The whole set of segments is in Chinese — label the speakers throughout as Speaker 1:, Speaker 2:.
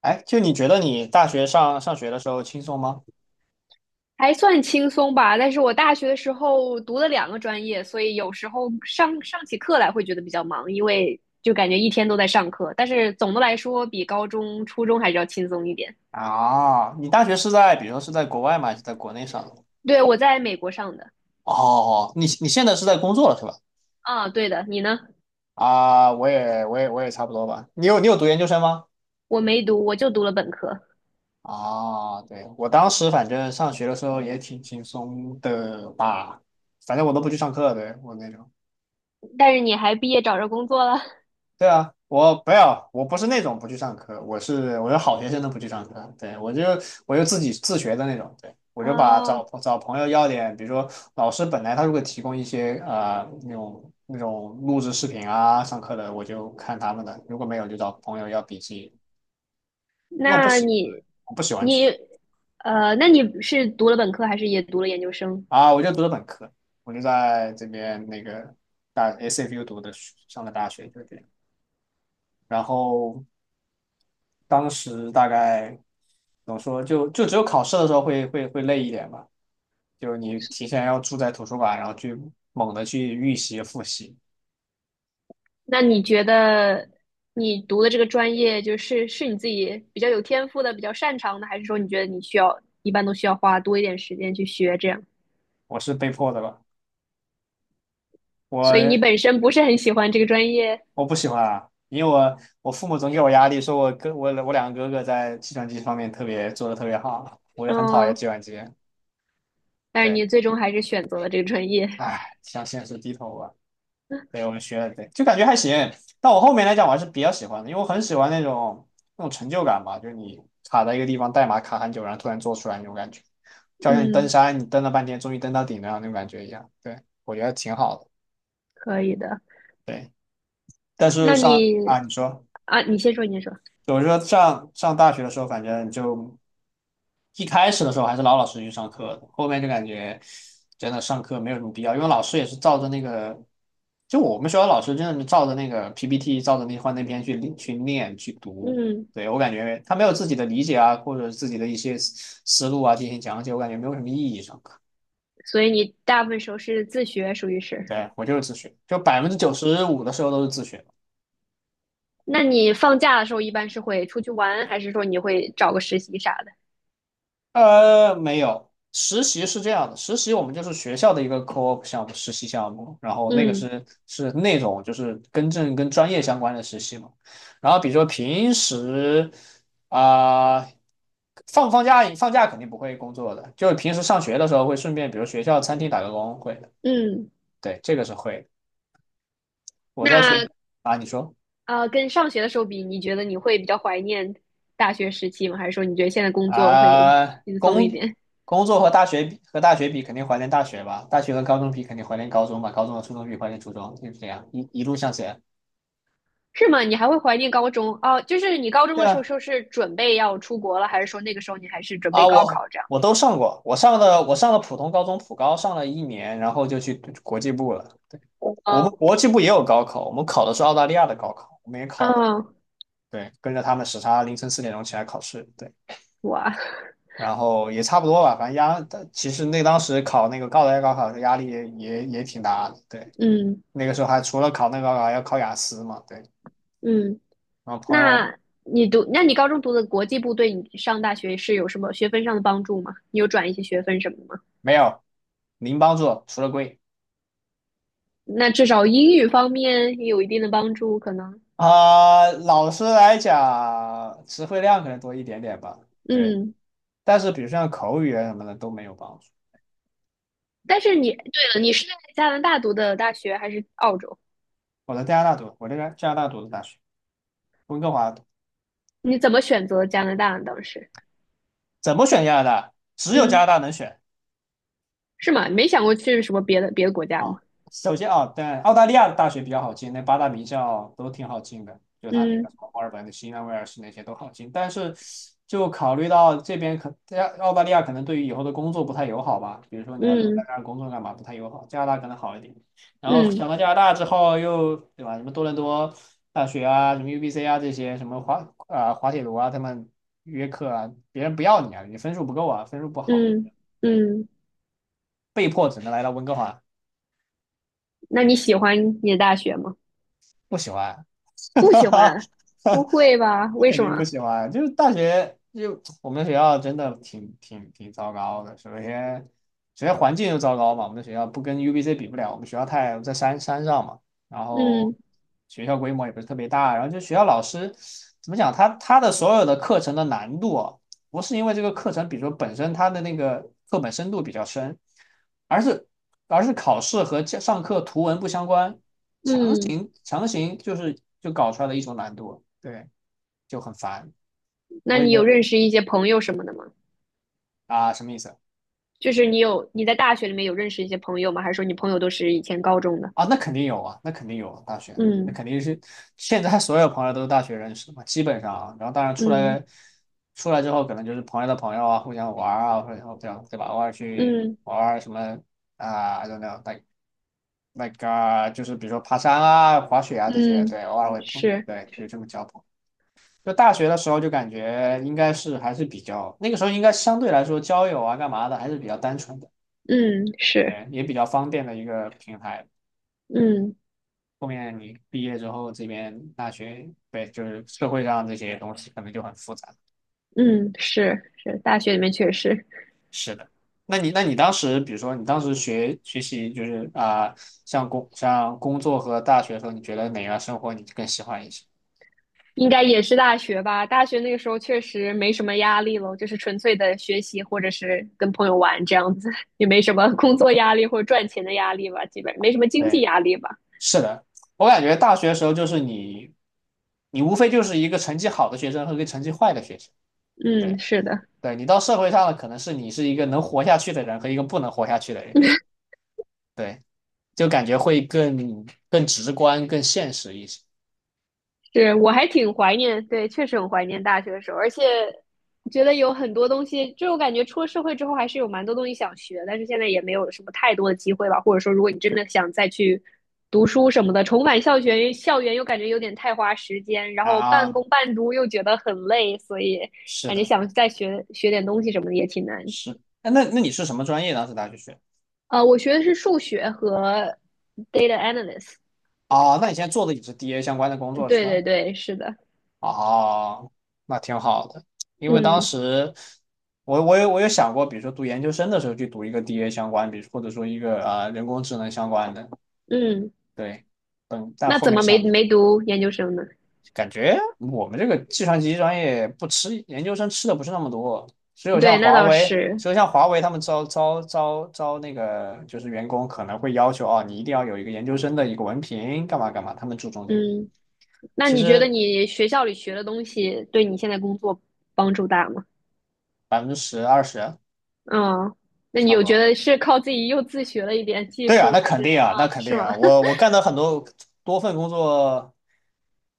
Speaker 1: 哎，就你觉得你大学上学的时候轻松吗？
Speaker 2: 还算轻松吧，但是我大学的时候读了两个专业，所以有时候上起课来会觉得比较忙，因为就感觉一天都在上课。但是总的来说，比高中、初中还是要轻松一点。
Speaker 1: 啊，你大学是在，比如说是在国外吗？还是在国内上的。
Speaker 2: 对，我在美国上的。
Speaker 1: 哦，你现在是在工作了是吧？
Speaker 2: 啊，对的，你呢？
Speaker 1: 啊，我也差不多吧。你有读研究生吗？
Speaker 2: 我没读，我就读了本科。
Speaker 1: 啊，对，我当时反正上学的时候也挺轻松的吧，反正我都不去上课，对，我那种。
Speaker 2: 但是你还毕业找着工作了。
Speaker 1: 对啊，我不要，我不是那种不去上课，我是好学生都不去上课，对，我就自己自学的那种，对，我就把
Speaker 2: 啊？
Speaker 1: 找朋友要点，比如说老师本来他如果提供一些那种录制视频啊上课的，我就看他们的，如果没有就找朋友要笔记，因为
Speaker 2: 那你
Speaker 1: 我不喜欢去。
Speaker 2: 你呃，那你是读了本科还是也读了研究生？
Speaker 1: 啊，我就读了本科，我就在这边那个SFU 读的上的大学，就这样，然后。当时大概怎么说，就只有考试的时候会累一点吧，就是你提前要住在图书馆，然后去猛的去预习复习，
Speaker 2: 那你觉得你读的这个专业，就是你自己比较有天赋的、比较擅长的，还是说你觉得你一般都需要花多一点时间去学这样？
Speaker 1: 我是被迫的吧，
Speaker 2: 所以你
Speaker 1: 我
Speaker 2: 本身不是很喜欢这个专业。
Speaker 1: 我不喜欢啊，因为我父母总给我压力，说我两个哥哥在计算机方面特别做的特别好，我也很讨厌
Speaker 2: 嗯，
Speaker 1: 计算机，
Speaker 2: 但是
Speaker 1: 对，
Speaker 2: 你最终还是选择了这个专业。
Speaker 1: 唉，向现实低头吧。对，我们学了，对，就感觉还行。但我后面来讲，我还是比较喜欢的，因为我很喜欢那种成就感吧，就是你卡在一个地方，代码卡很久，然后突然做出来那种感觉，就好像你登
Speaker 2: 嗯，
Speaker 1: 山，你登了半天，终于登到顶了那种感觉一样。对，我觉得挺好的。
Speaker 2: 可以的。
Speaker 1: 对，但是
Speaker 2: 那你
Speaker 1: 啊，你说。
Speaker 2: 啊，你先说，
Speaker 1: 我是说上大学的时候，反正就一开始的时候还是老老实实去上课的，后面就感觉真的上课没有什么必要，因为老师也是照着那个，就我们学校老师真的是照着那个 PPT，照着那幻灯片去念去读。
Speaker 2: 嗯，
Speaker 1: 对，我感觉他没有自己的理解啊，或者自己的一些思路啊进行讲解，我感觉没有什么意义。上课，
Speaker 2: 所以你大部分时候是自学，属于是。
Speaker 1: 对，我就是自学，就95%的时候都是自学。
Speaker 2: 那你放假的时候一般是会出去玩，还是说你会找个实习啥的？
Speaker 1: 没有，实习是这样的，实习我们就是学校的一个 co-op 项目，实习项目，然后那个
Speaker 2: 嗯。
Speaker 1: 是那种就是跟专业相关的实习嘛，然后比如说平时啊、放不放假，放假肯定不会工作的，就是平时上学的时候会顺便，比如学校餐厅打个工会的，
Speaker 2: 嗯。
Speaker 1: 对，这个是会的。我在学
Speaker 2: 那
Speaker 1: 啊，你说。
Speaker 2: 呃，跟上学的时候比，你觉得你会比较怀念大学时期吗？还是说你觉得现在工作会
Speaker 1: 啊、
Speaker 2: 轻松一
Speaker 1: 工
Speaker 2: 点？
Speaker 1: 工作和大学比，肯定怀念大学吧；大学和高中比，肯定怀念高中吧；高中和初中比，怀念初中，就是这样，一路向前。
Speaker 2: 是吗？你还会怀念高中？哦，就是你高中
Speaker 1: 对
Speaker 2: 的时候，
Speaker 1: 啊，
Speaker 2: 说是准备要出国了，还是说那个时候你还是准
Speaker 1: 啊，
Speaker 2: 备高
Speaker 1: 我
Speaker 2: 考这样？
Speaker 1: 我都上过，我上了普通高中，普高上了一年，然后就去国际部了。对，我们
Speaker 2: 哦。
Speaker 1: 国际部也有高考，我们考的是澳大利亚的高考，我们也考了。
Speaker 2: 哦，
Speaker 1: 对，跟着他们时差，凌晨4点钟起来考试。对，
Speaker 2: 哇，
Speaker 1: 然后也差不多吧，反正压，其实那当时考那个澳大利亚高考的压力也挺大的。对。
Speaker 2: 嗯。
Speaker 1: 那个时候还除了考那个还要考雅思嘛，对。
Speaker 2: 嗯，
Speaker 1: 然后朋友
Speaker 2: 那那你高中读的国际部对你上大学是有什么学分上的帮助吗？你有转一些学分什么的吗？
Speaker 1: 没有零帮助，除了贵。
Speaker 2: 那至少英语方面也有一定的帮助，可能。
Speaker 1: 啊、老师来讲，词汇量可能多一点点吧，对。
Speaker 2: 嗯。
Speaker 1: 但是比如像口语啊什么的都没有帮助。
Speaker 2: 但是你，对了，你是在加拿大读的大学还是澳洲？
Speaker 1: 我在加拿大读，我这个加拿大读的大学，温哥华读，
Speaker 2: 你怎么选择加拿大呢？当时。
Speaker 1: 怎么选加拿大？只有加
Speaker 2: 嗯，
Speaker 1: 拿大能选。
Speaker 2: 是吗？没想过去什么别的国家吗？
Speaker 1: 啊，首先啊，但澳大利亚的大学比较好进，那八大名校都挺好进的，就他那个
Speaker 2: 嗯。
Speaker 1: 什么墨尔本的、新南威尔士那些都好进。但是，就考虑到这边可澳大利亚可能对于以后的工作不太友好吧，比如说你要留在
Speaker 2: 嗯。
Speaker 1: 那儿工作干嘛，不太友好。加拿大可能好一点。然后
Speaker 2: 嗯。
Speaker 1: 想到加拿大之后又，对吧？什么多伦多大学啊，什么 UBC 啊这些，什么滑铁卢啊，他们约课啊，别人不要你啊，你分数不够啊，分数不好，
Speaker 2: 嗯。
Speaker 1: 对，
Speaker 2: 嗯，
Speaker 1: 被迫只能来到温哥华。
Speaker 2: 那你喜欢你的大学吗？
Speaker 1: 不喜欢，
Speaker 2: 不喜
Speaker 1: 哈
Speaker 2: 欢，不
Speaker 1: 哈，
Speaker 2: 会吧？为
Speaker 1: 肯
Speaker 2: 什
Speaker 1: 定不
Speaker 2: 么？
Speaker 1: 喜欢。就是大学，就我们学校真的挺糟糕的。首先，环境就糟糕嘛，我们的学校不跟 UBC 比不了，我们学校太在山上嘛，然后
Speaker 2: 嗯。
Speaker 1: 学校规模也不是特别大，然后就学校老师怎么讲，他的所有的课程的难度啊，不是因为这个课程，比如说本身它的那个课本深度比较深，而是而是考试和教上课图文不相关。
Speaker 2: 嗯，
Speaker 1: 强行就搞出来的一种难度，对，就很烦。
Speaker 2: 那
Speaker 1: 我也
Speaker 2: 你
Speaker 1: 没
Speaker 2: 有
Speaker 1: 有。
Speaker 2: 认识一些朋友什么的吗？
Speaker 1: 啊，什么意思
Speaker 2: 就是你在大学里面有认识一些朋友吗？还是说你朋友都是以前高中的？
Speaker 1: 啊？那肯定有啊，那肯定有啊大学，那
Speaker 2: 嗯。
Speaker 1: 肯定是现在所有朋友都是大学认识的嘛，基本上啊。然后当然
Speaker 2: 嗯。
Speaker 1: 出来之后，可能就是朋友的朋友啊，互相玩儿啊，或者然后这样对吧？偶尔去
Speaker 2: 嗯。
Speaker 1: 玩儿什么啊，I don't know，like 啊就是比如说爬山啊、滑雪啊这些，
Speaker 2: 嗯，
Speaker 1: 对，偶尔会碰，
Speaker 2: 是，
Speaker 1: 对，就是这么交朋友。就大学的时候就感觉应该是还是比较那个时候应该相对来说交友啊干嘛的还是比较单纯的，
Speaker 2: 嗯是。
Speaker 1: 对，也比较方便的一个平台。
Speaker 2: 嗯。
Speaker 1: 后面你毕业之后，这边大学，对，就是社会上这些东西可能就很复杂。
Speaker 2: 嗯，是是，大学里面确实
Speaker 1: 是的，那你当时，比如说你当时学习，就是啊、像工作和大学的时候，你觉得哪样生活你更喜欢一些？
Speaker 2: 应该也是大学吧。大学那个时候确实没什么压力了，就是纯粹的学习或者是跟朋友玩这样子，也没什么工作压力或者赚钱的压力吧，基本没什么经济
Speaker 1: 对，
Speaker 2: 压力吧。
Speaker 1: 是的，我感觉大学的时候就是你无非就是一个成绩好的学生和一个成绩坏的学生。对
Speaker 2: 嗯，是的。
Speaker 1: 对，你到社会上了，可能是你是一个能活下去的人和一个不能活下去的人，对，就感觉会更直观、更现实一些
Speaker 2: 是，我还挺怀念，对，确实很怀念大学的时候，而且觉得有很多东西，就我感觉出了社会之后还是有蛮多东西想学，但是现在也没有什么太多的机会吧。或者说，如果你真的想再去读书什么的，重返校园，校园又感觉有点太花时间，然后半
Speaker 1: 啊。
Speaker 2: 工半读又觉得很累，所以
Speaker 1: 是
Speaker 2: 感觉
Speaker 1: 的，
Speaker 2: 想再学学点东西什么的也挺难。
Speaker 1: 是。哎，那你是什么专业当时大学学？
Speaker 2: 呃，我学的是数学和 data analyst。
Speaker 1: 哦，那你现在做的也是 DA 相关的工作是
Speaker 2: 对
Speaker 1: 吧？
Speaker 2: 对对，是的。
Speaker 1: 哦，那挺好的，因为当
Speaker 2: 嗯。
Speaker 1: 时我有想过，比如说读研究生的时候去读一个 DA 相关，比如或者说一个啊、人工智能相关的，
Speaker 2: 嗯，
Speaker 1: 对，嗯，但
Speaker 2: 那
Speaker 1: 后
Speaker 2: 怎
Speaker 1: 面
Speaker 2: 么没
Speaker 1: 想。
Speaker 2: 没读研究生呢？
Speaker 1: 感觉我们这个计算机专业不吃研究生吃的不是那么多，只有像
Speaker 2: 对，那
Speaker 1: 华
Speaker 2: 倒
Speaker 1: 为，
Speaker 2: 是。
Speaker 1: 只有像华为他们招那个就是员工可能会要求哦，你一定要有一个研究生的一个文凭，干嘛干嘛，他们注重这个。
Speaker 2: 嗯，那
Speaker 1: 其
Speaker 2: 你觉得
Speaker 1: 实
Speaker 2: 你学校里学的东西对你现在工作帮助大吗？
Speaker 1: 10-20%
Speaker 2: 嗯，那你
Speaker 1: 差
Speaker 2: 有
Speaker 1: 不
Speaker 2: 觉
Speaker 1: 多。
Speaker 2: 得是靠自己又自学了一点技
Speaker 1: 对啊，
Speaker 2: 术，
Speaker 1: 那
Speaker 2: 还
Speaker 1: 肯
Speaker 2: 是
Speaker 1: 定
Speaker 2: 啊，
Speaker 1: 啊，那肯
Speaker 2: 是
Speaker 1: 定
Speaker 2: 吗？
Speaker 1: 啊，我干的很多份工作，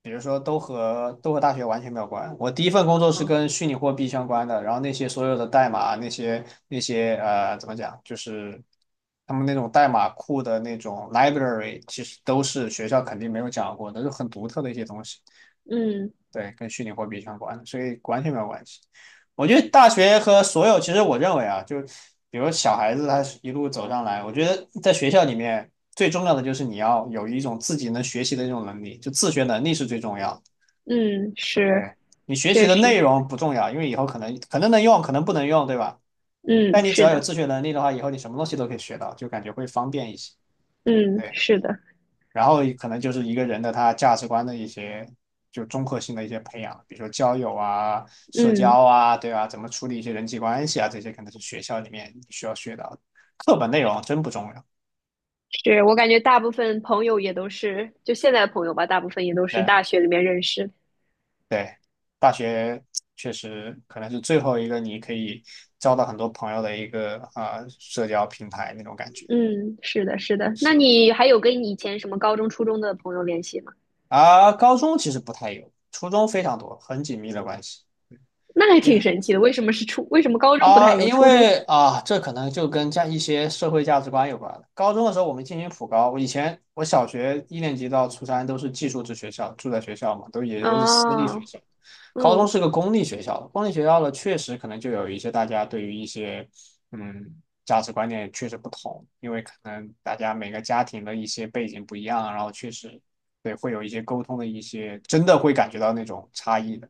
Speaker 1: 比如说都和大学完全没有关。我第一份工作是跟 虚拟货币相关的，然后那些所有的代码，那些，怎么讲，就是他们那种代码库的那种 library，其实都是学校肯定没有讲过的，就很独特的一些东西。
Speaker 2: 嗯。
Speaker 1: 对，跟虚拟货币相关，所以完全没有关系。我觉得大学和所有，其实我认为啊，就比如小孩子他一路走上来，我觉得在学校里面最重要的就是你要有一种自己能学习的这种能力，就自学能力是最重要的。
Speaker 2: 嗯，是，
Speaker 1: 对，你学习
Speaker 2: 确
Speaker 1: 的
Speaker 2: 实，
Speaker 1: 内容不重要，因为以后可能能用，可能不能用，对吧？但
Speaker 2: 嗯，
Speaker 1: 你只
Speaker 2: 是
Speaker 1: 要有
Speaker 2: 的，
Speaker 1: 自学能力的话，以后你什么东西都可以学到，就感觉会方便一些。
Speaker 2: 嗯，
Speaker 1: 对，
Speaker 2: 是的，
Speaker 1: 然后可能就是一个人的他价值观的一些就综合性的一些培养，比如说交友啊、社
Speaker 2: 嗯，
Speaker 1: 交啊，对吧？怎么处理一些人际关系啊，这些可能是学校里面你需要学到的。课本内容真不重要。
Speaker 2: 是我感觉大部分朋友也都是，就现在的朋友吧，大部分也都是
Speaker 1: 对
Speaker 2: 大学里面认识的。
Speaker 1: 对，大学确实可能是最后一个你可以交到很多朋友的一个啊、社交平台那种感觉。
Speaker 2: 嗯，是的，是的。
Speaker 1: 是
Speaker 2: 那
Speaker 1: 的。
Speaker 2: 你还有跟你以前什么高中、初中的朋友联系吗？
Speaker 1: 啊，高中其实不太有，初中非常多，很紧密的关系。
Speaker 2: 那还挺
Speaker 1: 也
Speaker 2: 神奇的。为什么是初？为什么高中不太有，
Speaker 1: 因
Speaker 2: 初中？
Speaker 1: 为啊，这可能就跟一些社会价值观有关了。高中的时候我们进行普高，我以前我小学一年级到初三都是寄宿制学校，住在学校嘛，都是私立学
Speaker 2: 啊？
Speaker 1: 校。高中
Speaker 2: 嗯，
Speaker 1: 是个公立学校，公立学校呢，确实可能就有一些大家对于一些嗯价值观念确实不同，因为可能大家每个家庭的一些背景不一样，然后确实对会有一些沟通的一些，真的会感觉到那种差异的。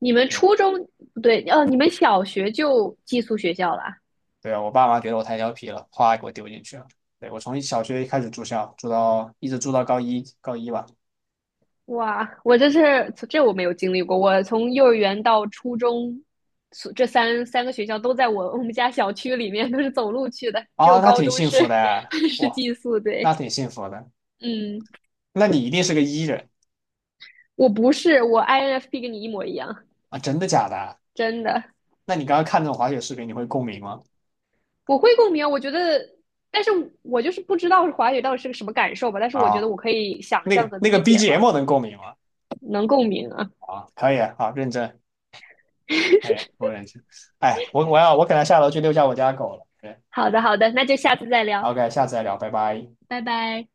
Speaker 2: 你们
Speaker 1: 对。
Speaker 2: 初中不对，哦，你们小学就寄宿学校啦？
Speaker 1: 对啊，我爸妈觉得我太调皮了，哗给我丢进去了。对，我从小学开始住校，一直住到高一，高一吧。
Speaker 2: 哇，我这是这我没有经历过，我从幼儿园到初中，所这三个学校都在我们家小区里面，都是走路去的，只
Speaker 1: 啊，
Speaker 2: 有
Speaker 1: 那
Speaker 2: 高
Speaker 1: 挺
Speaker 2: 中
Speaker 1: 幸
Speaker 2: 是
Speaker 1: 福的，
Speaker 2: 是
Speaker 1: 哇，
Speaker 2: 寄宿。对，
Speaker 1: 那挺幸福的。
Speaker 2: 嗯，
Speaker 1: 那你一定是个 E 人。
Speaker 2: 我不是，我 INFP 跟你一模一样，
Speaker 1: 啊？真的假的？
Speaker 2: 真的。
Speaker 1: 那你刚刚看那种滑雪视频，你会共鸣吗？
Speaker 2: 我会共鸣，我觉得，但是我就是不知道华语到底是个什么感受吧，但是我觉得
Speaker 1: 啊，
Speaker 2: 我可以想
Speaker 1: 那
Speaker 2: 象
Speaker 1: 个
Speaker 2: 和
Speaker 1: 那个
Speaker 2: 理解吧，
Speaker 1: BGM 能共鸣吗？
Speaker 2: 能共鸣啊。
Speaker 1: 啊，可以，好，认真，可以，我认真。哎，我可能下楼去遛一下我家狗了。对
Speaker 2: 好的，好的，那就下次再聊，
Speaker 1: ，OK，下次再聊，拜拜。
Speaker 2: 拜拜。